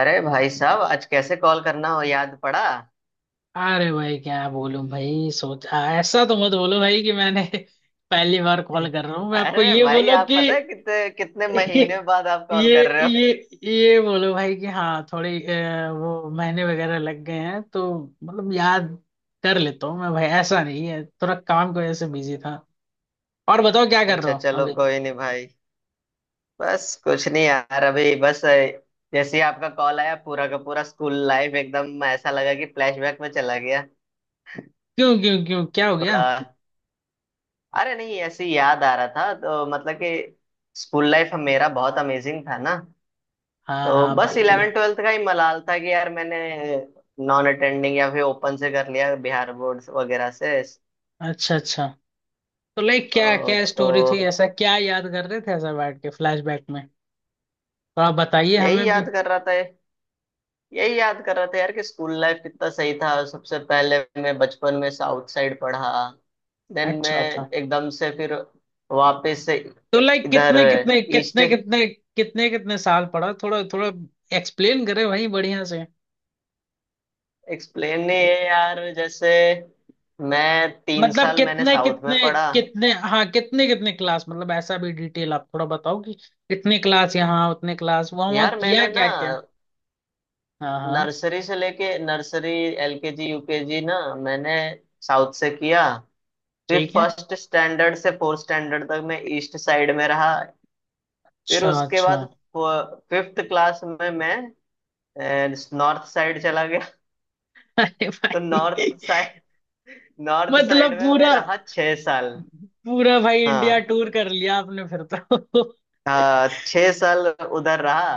अरे भाई साहब, आज कैसे कॉल करना हो याद पड़ा? अरे भाई क्या बोलूं भाई। सोचा ऐसा तो मत बोलो भाई कि मैंने पहली बार कॉल कर रहा हूँ मैं आपको। अरे ये भाई, बोलो आप कि पता है कितने कितने महीने बाद आप कॉल ये कर रहे हो। ये ये बोलो भाई कि हाँ थोड़ी वो महीने वगैरह लग गए हैं। तो मतलब याद कर लेता हूँ मैं भाई, ऐसा नहीं है, थोड़ा काम की वजह से बिजी था। और बताओ क्या कर रहे अच्छा हो चलो अभी। कोई नहीं भाई। बस कुछ नहीं यार, अभी बस जैसे ही आपका कॉल आया पूरा का पूरा स्कूल लाइफ एकदम ऐसा लगा कि फ्लैशबैक में चला गया क्यों क्यों क्यों क्या हो गया। थोड़ा। अरे नहीं, ऐसे ही याद आ रहा था। तो मतलब कि स्कूल लाइफ मेरा बहुत अमेजिंग था ना। हाँ तो हाँ बस इलेवन भाई। ट्वेल्थ का ही मलाल था कि यार मैंने नॉन अटेंडिंग या फिर ओपन से कर लिया, बिहार बोर्ड वगैरह से। अच्छा अच्छा। तो लाइक क्या क्या तो स्टोरी थी, ऐसा क्या याद कर रहे थे ऐसा बैठ के फ्लैशबैक में। तो आप बताइए यही हमें भी। याद कर रहा था। यही याद कर रहा था यार कि स्कूल लाइफ कितना सही था। सबसे पहले मैं बचपन में साउथ साइड पढ़ा। देन मैं अच्छा अच्छा। एकदम से फिर वापस से तो लाइक इधर कितने कितने ईस्ट। कितने कितने कितने कितने साल पढ़ा, थोड़ा थोड़ा एक्सप्लेन करे भाई बढ़िया से। एक्सप्लेन नहीं है यार, जैसे मैं तीन मतलब साल मैंने कितने साउथ में कितने पढ़ा। कितने हाँ कितने कितने क्लास, मतलब ऐसा भी डिटेल आप थोड़ा बताओ कि कितने क्लास यहाँ उतने क्लास वहाँ वहाँ यार किया मैंने क्या ना क्या। हाँ हाँ। नर्सरी से लेके नर्सरी एलकेजी यूकेजी ना मैंने साउथ से किया। फिर ठीक है। फर्स्ट स्टैंडर्ड से फोर्थ स्टैंडर्ड तक मैं ईस्ट साइड में रहा। फिर अच्छा उसके अच्छा। बाद फिफ्थ क्लास में मैं नॉर्थ साइड चला गया। अरे तो भाई नॉर्थ साइड, नॉर्थ साइड मतलब में मैं पूरा रहा छह साल। पूरा भाई इंडिया हाँ टूर कर लिया आपने फिर तो हाँ, छह साल उधर रहा।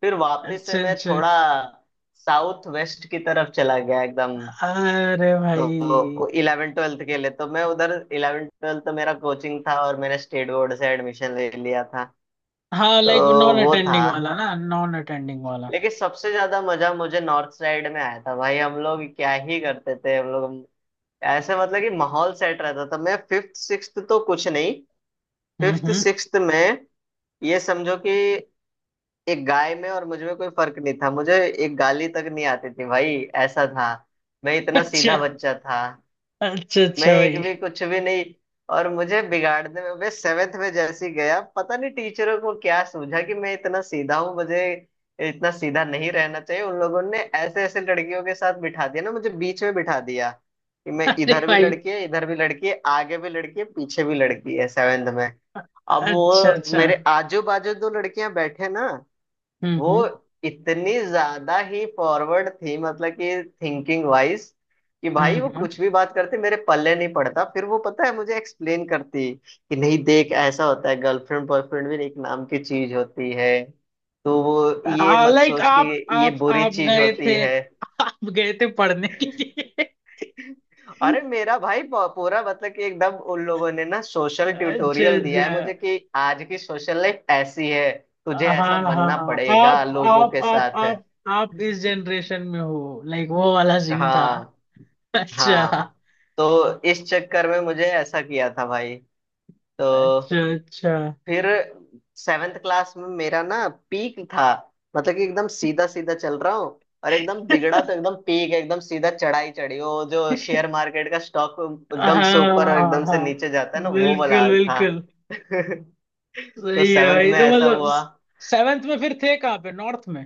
फिर वापस से अच्छा मैं अच्छा। थोड़ा साउथ वेस्ट की तरफ चला गया एकदम। अरे भाई। तो इलेवन ट्वेल्थ के लिए तो मैं उधर, इलेवन ट्वेल्थ तो मेरा कोचिंग था और मैंने स्टेट बोर्ड से एडमिशन ले लिया था। हाँ लाइक तो नॉन वो था, अटेंडिंग वाला ना, नॉन अटेंडिंग वाला। लेकिन सबसे ज्यादा मजा मुझे नॉर्थ साइड में आया था। भाई हम लोग क्या ही करते थे। हम लोग ऐसे, मतलब कि माहौल सेट रहता था। मैं फिफ्थ सिक्स्थ तो कुछ नहीं, फिफ्थ हम्म। सिक्स्थ में ये समझो कि एक गाय में और मुझ में कोई फर्क नहीं था। मुझे एक गाली तक नहीं आती थी भाई। ऐसा था, मैं इतना अच्छा सीधा बच्चा था। अच्छा मैं अच्छा एक भाई। भी कुछ भी नहीं। और मुझे बिगाड़ने में, मैं सेवेंथ में जैसे ही गया, पता नहीं टीचरों को क्या सूझा कि मैं इतना सीधा हूँ, मुझे इतना सीधा नहीं रहना चाहिए। उन लोगों ने ऐसे ऐसे लड़कियों के साथ बिठा दिया ना, मुझे बीच में बिठा दिया कि मैं, अरे इधर भी भाई। लड़की है, इधर भी लड़की है, आगे भी लड़की है, पीछे भी लड़की है, सेवेंथ में। अब अच्छा वो अच्छा। मेरे आजू बाजू दो लड़कियां बैठे ना, वो हम्म इतनी ज्यादा ही फॉरवर्ड थी, मतलब कि थिंकिंग वाइज कि भाई वो हम्म। कुछ भी बात करते मेरे पल्ले नहीं पड़ता। फिर वो पता है मुझे एक्सप्लेन करती कि नहीं देख ऐसा होता है, गर्लफ्रेंड बॉयफ्रेंड भी एक नाम की चीज होती है, तो वो ये मत लाइक सोच आप कि ये आप बुरी आप चीज गए होती थे, है। आप गए थे पढ़ने के लिए। अरे मेरा भाई पूरा, मतलब कि एकदम उन लोगों ने ना सोशल अच्छा ट्यूटोरियल दिया अच्छा। है मुझे कि आज की सोशल लाइफ ऐसी है, तुझे हाँ ऐसा हाँ बनना आप पड़ेगा लोगों आप के आप साथ। आप आप इस जनरेशन में हो, लाइक वो वाला सीन था। हाँ अच्छा हाँ। तो इस चक्कर में मुझे ऐसा किया था भाई। तो अच्छा अच्छा। फिर सेवेंथ क्लास में मेरा ना पीक था, मतलब कि एकदम सीधा सीधा चल रहा हूँ और एकदम बिगड़ा तो एकदम पीक, एकदम सीधा चढ़ाई चढ़ी। वो जो शेयर मार्केट का स्टॉक एकदम से हाँ ऊपर और हाँ एकदम से हाँ। नीचे जाता है ना, वो वाला बिल्कुल हाल था। बिल्कुल। तो सही है सेवेंथ भाई, में तो ऐसा मतलब हुआ। सेवेंथ में फिर थे कहाँ पे, नॉर्थ में।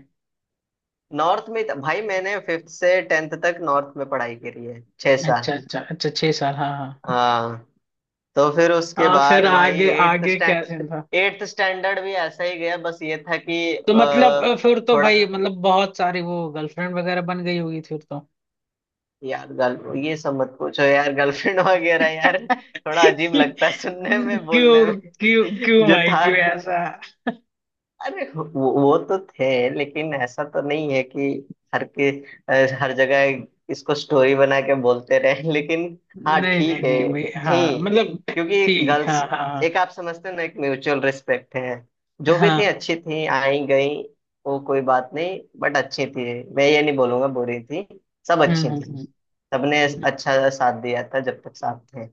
भाई मैंने फिफ्थ से टेंथ तक नॉर्थ में पढ़ाई करी है, छह अच्छा साल। अच्छा अच्छा छह साल, हाँ हाँ। हाँ। तो फिर उसके हाँ फिर बाद भाई आगे आगे क्या सीन था। एट्थ स्टैंडर्ड भी ऐसा ही गया, बस ये था कि तो मतलब अ, फिर तो थोड़ा, भाई मतलब बहुत सारी वो गर्लफ्रेंड वगैरह बन गई होगी फिर तो यार गर्ल ये सब मत पूछो यार, गर्लफ्रेंड वगैरह यार थोड़ा अजीब लगता है सुनने में बोलने क्यों में। क्यों क्यों जो भाई था, क्यों ऐसा। अरे वो, वो तो थे, लेकिन ऐसा तो नहीं है कि हर के हर जगह इसको स्टोरी बना के बोलते रहे लेकिन। हाँ नहीं नहीं ठीक है, नहीं भाई, हाँ थी, मतलब। क्योंकि थी हाँ गर्ल्स, हाँ हाँ एक आप समझते हो ना एक म्यूचुअल रिस्पेक्ट है। जो भी थी हाँ। अच्छी थी, आई गई, वो कोई बात नहीं। बट अच्छी थी, मैं ये नहीं बोलूंगा बुरी थी, सब हम्म अच्छी हम्म थी। हम्म। सबने अच्छा साथ दिया था जब तक साथ थे।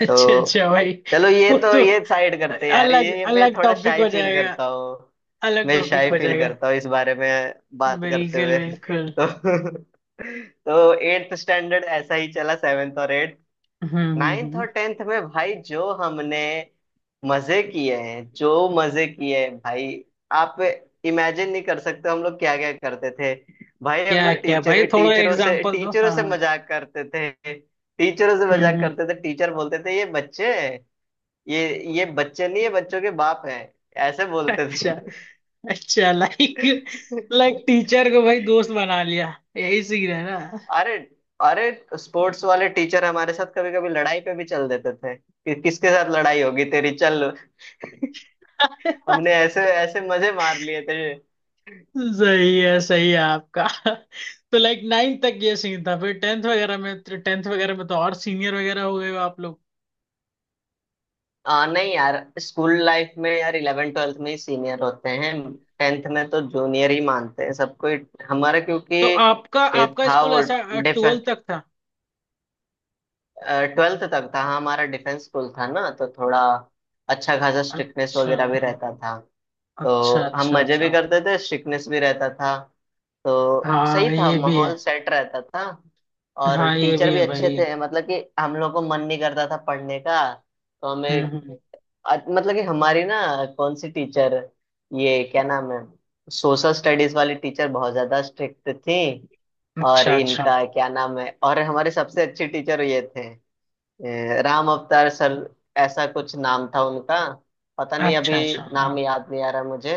अच्छा तो अच्छा भाई। चलो ये वो तो तो ये साइड करते हैं यार, अलग ये मैं अलग थोड़ा टॉपिक शाई हो फील जाएगा, करता हूँ। अलग मैं टॉपिक शाई हो फील जाएगा। करता हूँ इस बारे में बात करते बिल्कुल हुए। बिल्कुल। तो तो एट्थ स्टैंडर्ड ऐसा ही चला, सेवेंथ और एट्थ। हम्म हम्म नाइन्थ हम्म। और टेंथ में भाई जो हमने मजे किए हैं, जो मजे किए हैं भाई, आप इमेजिन नहीं कर सकते हम लोग क्या क्या करते थे। भाई हम क्या लोग लाइक क्या भाई, टीचर, थोड़ा टीचरों से एग्जांपल दो, टीचरों हाँ से हाँ। मजाक करते थे। टीचरों से मजाक हम्म। करते थे, टीचर बोलते थे ये बच्चे हैं, ये ये बच्चे नहीं है, बच्चों के बाप हैं, ऐसे बोलते अच्छा अच्छा लाइक थे। लाइक टीचर को भाई दोस्त बना लिया, यही सीन है ना। अरे अरे स्पोर्ट्स वाले टीचर हमारे साथ कभी कभी लड़ाई पे भी चल देते थे कि किसके साथ लड़ाई होगी तेरी, चल। हमने ऐसे ऐसे मजे मार लिए थे। सही है आपका। तो लाइक नाइन्थ तक ये सीन था, फिर टेंथ वगैरह में, टेंथ वगैरह में तो और सीनियर वगैरह हो गए हो आप लोग। नहीं यार स्कूल लाइफ में यार इलेवन ट्वेल्थ में ही सीनियर होते हैं, टेंथ में तो जूनियर ही मानते हैं सबको ही- हमारा क्योंकि तो आपका ये आपका था स्कूल वो, ऐसा डिफ ट्वेल्थ तक था। ट्वेल्थ तक था। हाँ, हमारा डिफेंस स्कूल था ना, तो थोड़ा अच्छा खासा स्ट्रिक्टनेस अच्छा वगैरह भी रहता था। अच्छा तो हम अच्छा मजे अच्छा। भी करते थे, स्ट्रिक्टनेस भी रहता था, तो सही हाँ था, ये भी है। माहौल सेट रहता था। और हाँ ये टीचर भी भी है अच्छे भाई। थे, मतलब कि हम लोग को मन नहीं करता था पढ़ने का तो हमें हम्म। मतलब कि हमारी ना, कौन सी टीचर, ये क्या नाम है, सोशल स्टडीज वाली टीचर बहुत ज्यादा स्ट्रिक्ट थी। और अच्छा अच्छा इनका क्या नाम है, और हमारे सबसे अच्छे टीचर ये थे राम अवतार सर, ऐसा कुछ नाम था उनका। पता नहीं अच्छा अभी अच्छा। हाँ। नाम याद नहीं आ रहा मुझे।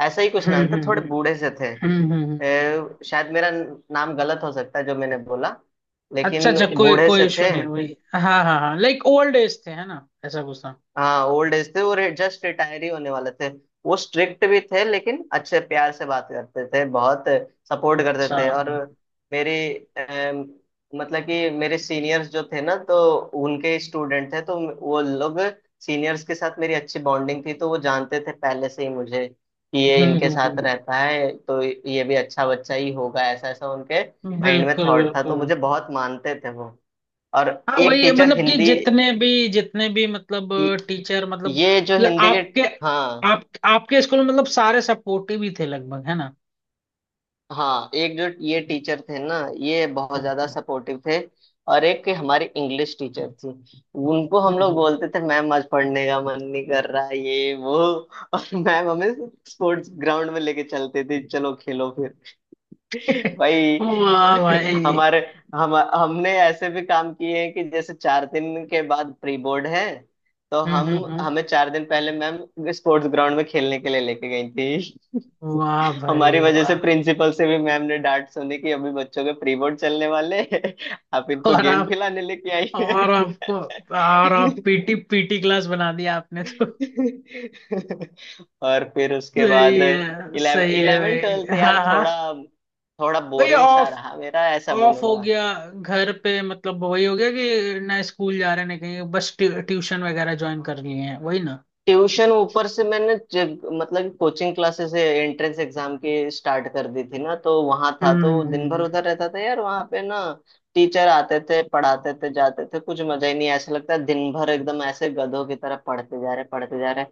ऐसा ही कुछ नाम हम्म था, हम्म थोड़े हम्म बूढ़े से थे। हम्म हम्म, हम्म। शायद मेरा नाम गलत हो सकता है जो मैंने बोला, अच्छा लेकिन अच्छा कोई बूढ़े कोई से इशू थे। नहीं, वही। हाँ हाँ हाँ लाइक ओल्ड एज थे है ना, ऐसा कुछ था। हाँ ओल्ड एज थे, वो जस्ट रिटायर ही होने वाले थे। वो स्ट्रिक्ट भी थे, लेकिन अच्छे प्यार से बात करते थे बहुत, सपोर्ट करते अच्छा। थे। और मेरे, अम, मतलब कि मेरे सीनियर्स जो थे ना, तो उनके स्टूडेंट थे, तो वो लोग, सीनियर्स के साथ मेरी अच्छी बॉन्डिंग थी, तो वो जानते थे पहले से ही मुझे कि ये इनके साथ हम्म रहता है तो ये भी अच्छा बच्चा ही होगा, ऐसा ऐसा उनके हम्म। माइंड में बिल्कुल थॉट था, तो बिल्कुल। मुझे बहुत मानते थे वो। और हाँ एक वही है, टीचर मतलब कि हिंदी, जितने भी मतलब टीचर मतलब, ये जो ल- हिंदी के, आपके, हाँ आप आपके स्कूल में मतलब सारे सपोर्टिव ही थे लगभग है ना। हाँ, एक जो ये टीचर थे ना, ये बहुत हम्म, ज्यादा हम्म, सपोर्टिव थे। और एक हमारी इंग्लिश टीचर थी, उनको हम्म, हम लोग हम्म। बोलते थे मैम आज पढ़ने का मन नहीं कर रहा है ये वो, और मैम हमें स्पोर्ट्स ग्राउंड में लेके चलते थे चलो खेलो फिर। भाई वाह भाई। हमारे, हम हमने ऐसे भी काम किए हैं कि जैसे चार दिन के बाद प्री बोर्ड है, तो हम्म हम, हम्म हम्म। हमें चार दिन पहले मैम स्पोर्ट्स ग्राउंड में खेलने के लिए लेके गई थी। वाह भाई हमारी वजह से वाह। प्रिंसिपल से भी मैम ने डांट सुनी कि अभी बच्चों के प्री बोर्ड चलने वाले हैं आप इनको और गेम आप खिलाने लेके आई हैं। और आपको और आप पीटी पीटी क्लास बना दिया आपने तो। और फिर उसके बाद इलेवन सही है इलेवन ट्वेल्थ भाई, हाँ यार, थोड़ा हाँ। थोड़ा भाई बोरिंग सा ऑफ, रहा मेरा, ऐसा ऑफ हो बोलूंगा। गया। घर पे मतलब वही हो गया कि ना स्कूल जा रहे ना कहीं, बस ट्यूशन वगैरह ज्वाइन कर लिए हैं वही ना। ट्यूशन ऊपर से मैंने मतलब कोचिंग क्लासेस एंट्रेंस एग्जाम की स्टार्ट कर दी थी ना, तो वहां था, तो दिन भर हम्म उधर रहता था यार वहां पे ना। टीचर आते थे, पढ़ाते थे, जाते थे, कुछ मजा ही नहीं ऐसा लगता है। दिन भर एकदम ऐसे गधों की तरह पढ़ते जा रहे, पढ़ते जा रहे।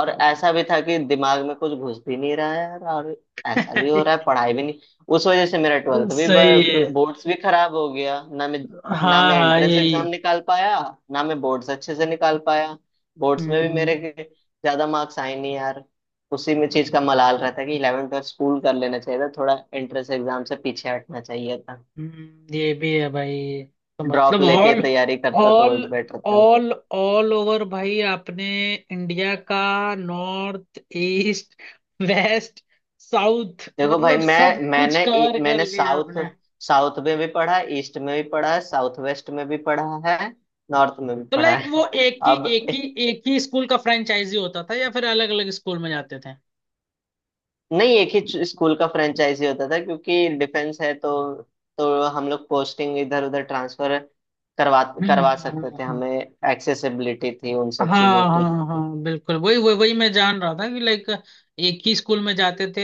और ऐसा भी था कि दिमाग में कुछ घुस भी नहीं रहा है यार, और ऐसा भी हो रहा है पढ़ाई भी नहीं। उस वजह से मेरा ट्वेल्थ भी, सही है। बोर्ड्स भी खराब हो गया। ना हाँ मैं हाँ एंट्रेंस यही। एग्जाम निकाल पाया, ना मैं बोर्ड्स अच्छे से निकाल पाया। बोर्ड्स में हम्म भी हम्म, मेरे हम्म। के ज्यादा मार्क्स आए नहीं यार। उसी में चीज का मलाल रहता है कि इलेवन ट्वेल्थ स्कूल कर लेना चाहिए था, थोड़ा एंट्रेंस एग्जाम से पीछे हटना चाहिए था, ये भी है भाई। तो ड्रॉप मतलब लेके ऑल, तैयारी करता ऑल तो बेटर था। ऑल ओवर भाई, आपने इंडिया का नॉर्थ ईस्ट वेस्ट साउथ देखो भाई, मतलब सब कुछ कवर कर मैंने लिया साउथ, आपने। साउथ में भी पढ़ा, ईस्ट में भी पढ़ा है, साउथ वेस्ट में भी पढ़ा है, नॉर्थ में भी तो पढ़ा लाइक वो है। एक ही अब एक ही एक ही स्कूल का फ्रेंचाइजी होता था या फिर अलग अलग स्कूल में जाते थे। नहीं, एक ही स्कूल का फ्रेंचाइजी होता था क्योंकि डिफेंस है तो। तो हम लोग पोस्टिंग इधर उधर ट्रांसफर करवा हम्म करवा हम्म, सकते थे। हम्म। हमें एक्सेसिबिलिटी थी उन हाँ सब चीजों की। हाँ हाँ बिल्कुल, वही वही वही मैं जान रहा था कि लाइक एक ही स्कूल में जाते थे,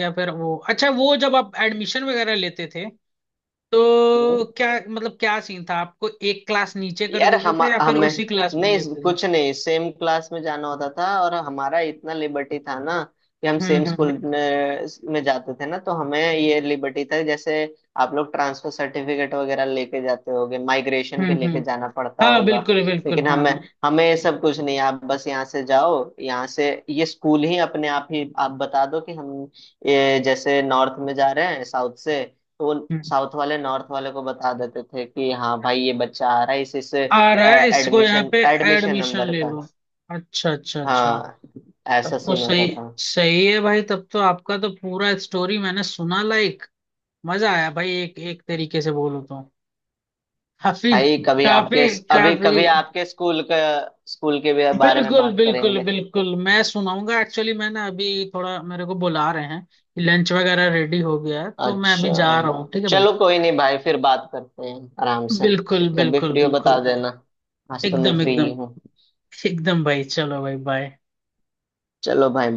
या फिर वो, अच्छा, वो जब आप एडमिशन वगैरह लेते थे तो क्या मतलब क्या सीन था, आपको एक क्लास नीचे कर यार देते हम थे या फिर हमें उसी क्लास में नहीं लेते थे। कुछ नहीं, सेम क्लास में जाना होता था और हमारा इतना लिबर्टी था ना कि हम हम्म सेम हम्म स्कूल हम्म में जाते थे ना, तो हमें ये लिबर्टी था। जैसे आप लोग ट्रांसफर सर्टिफिकेट वगैरह लेके जाते होगे, माइग्रेशन भी हम्म लेके हम्म। जाना पड़ता हाँ होगा, बिल्कुल बिल्कुल लेकिन हाँ हमें हाँ। हमें ये सब कुछ नहीं। आप बस यहाँ से जाओ, यहाँ से ये स्कूल ही अपने आप ही, आप बता दो कि हम ये जैसे नॉर्थ में जा रहे हैं साउथ से, तो वो हम्म। साउथ वाले नॉर्थ वाले को बता देते थे कि हाँ भाई ये बच्चा आ रहा है इस आ रहा है, इसको यहाँ एडमिशन पे एडमिशन एडमिशन नंबर ले का। लो। अच्छा अच्छा अच्छा। हाँ, तब ऐसा तो सीन सही, होता था। सही है भाई, तब तो आपका तो पूरा स्टोरी मैंने सुना लाइक, मजा आया भाई एक एक तरीके से बोलो तो। काफी भाई कभी आपके काफी अभी काफी। कभी आपके स्कूल का, स्कूल के भी बारे में बिल्कुल बात बिल्कुल करेंगे। बिल्कुल, मैं सुनाऊंगा एक्चुअली मैंने अभी थोड़ा, मेरे को बुला रहे हैं कि लंच वगैरह रेडी हो गया है, तो मैं अच्छा अभी जा रहा हूँ, ठीक है भाई। चलो कोई नहीं भाई, फिर बात करते हैं आराम से। बिल्कुल जब भी बिल्कुल फ्री हो बिल्कुल बता भाई। देना, आज तो मैं एकदम फ्री ही एकदम हूँ। एकदम भाई चलो भाई बाय। चलो भाई।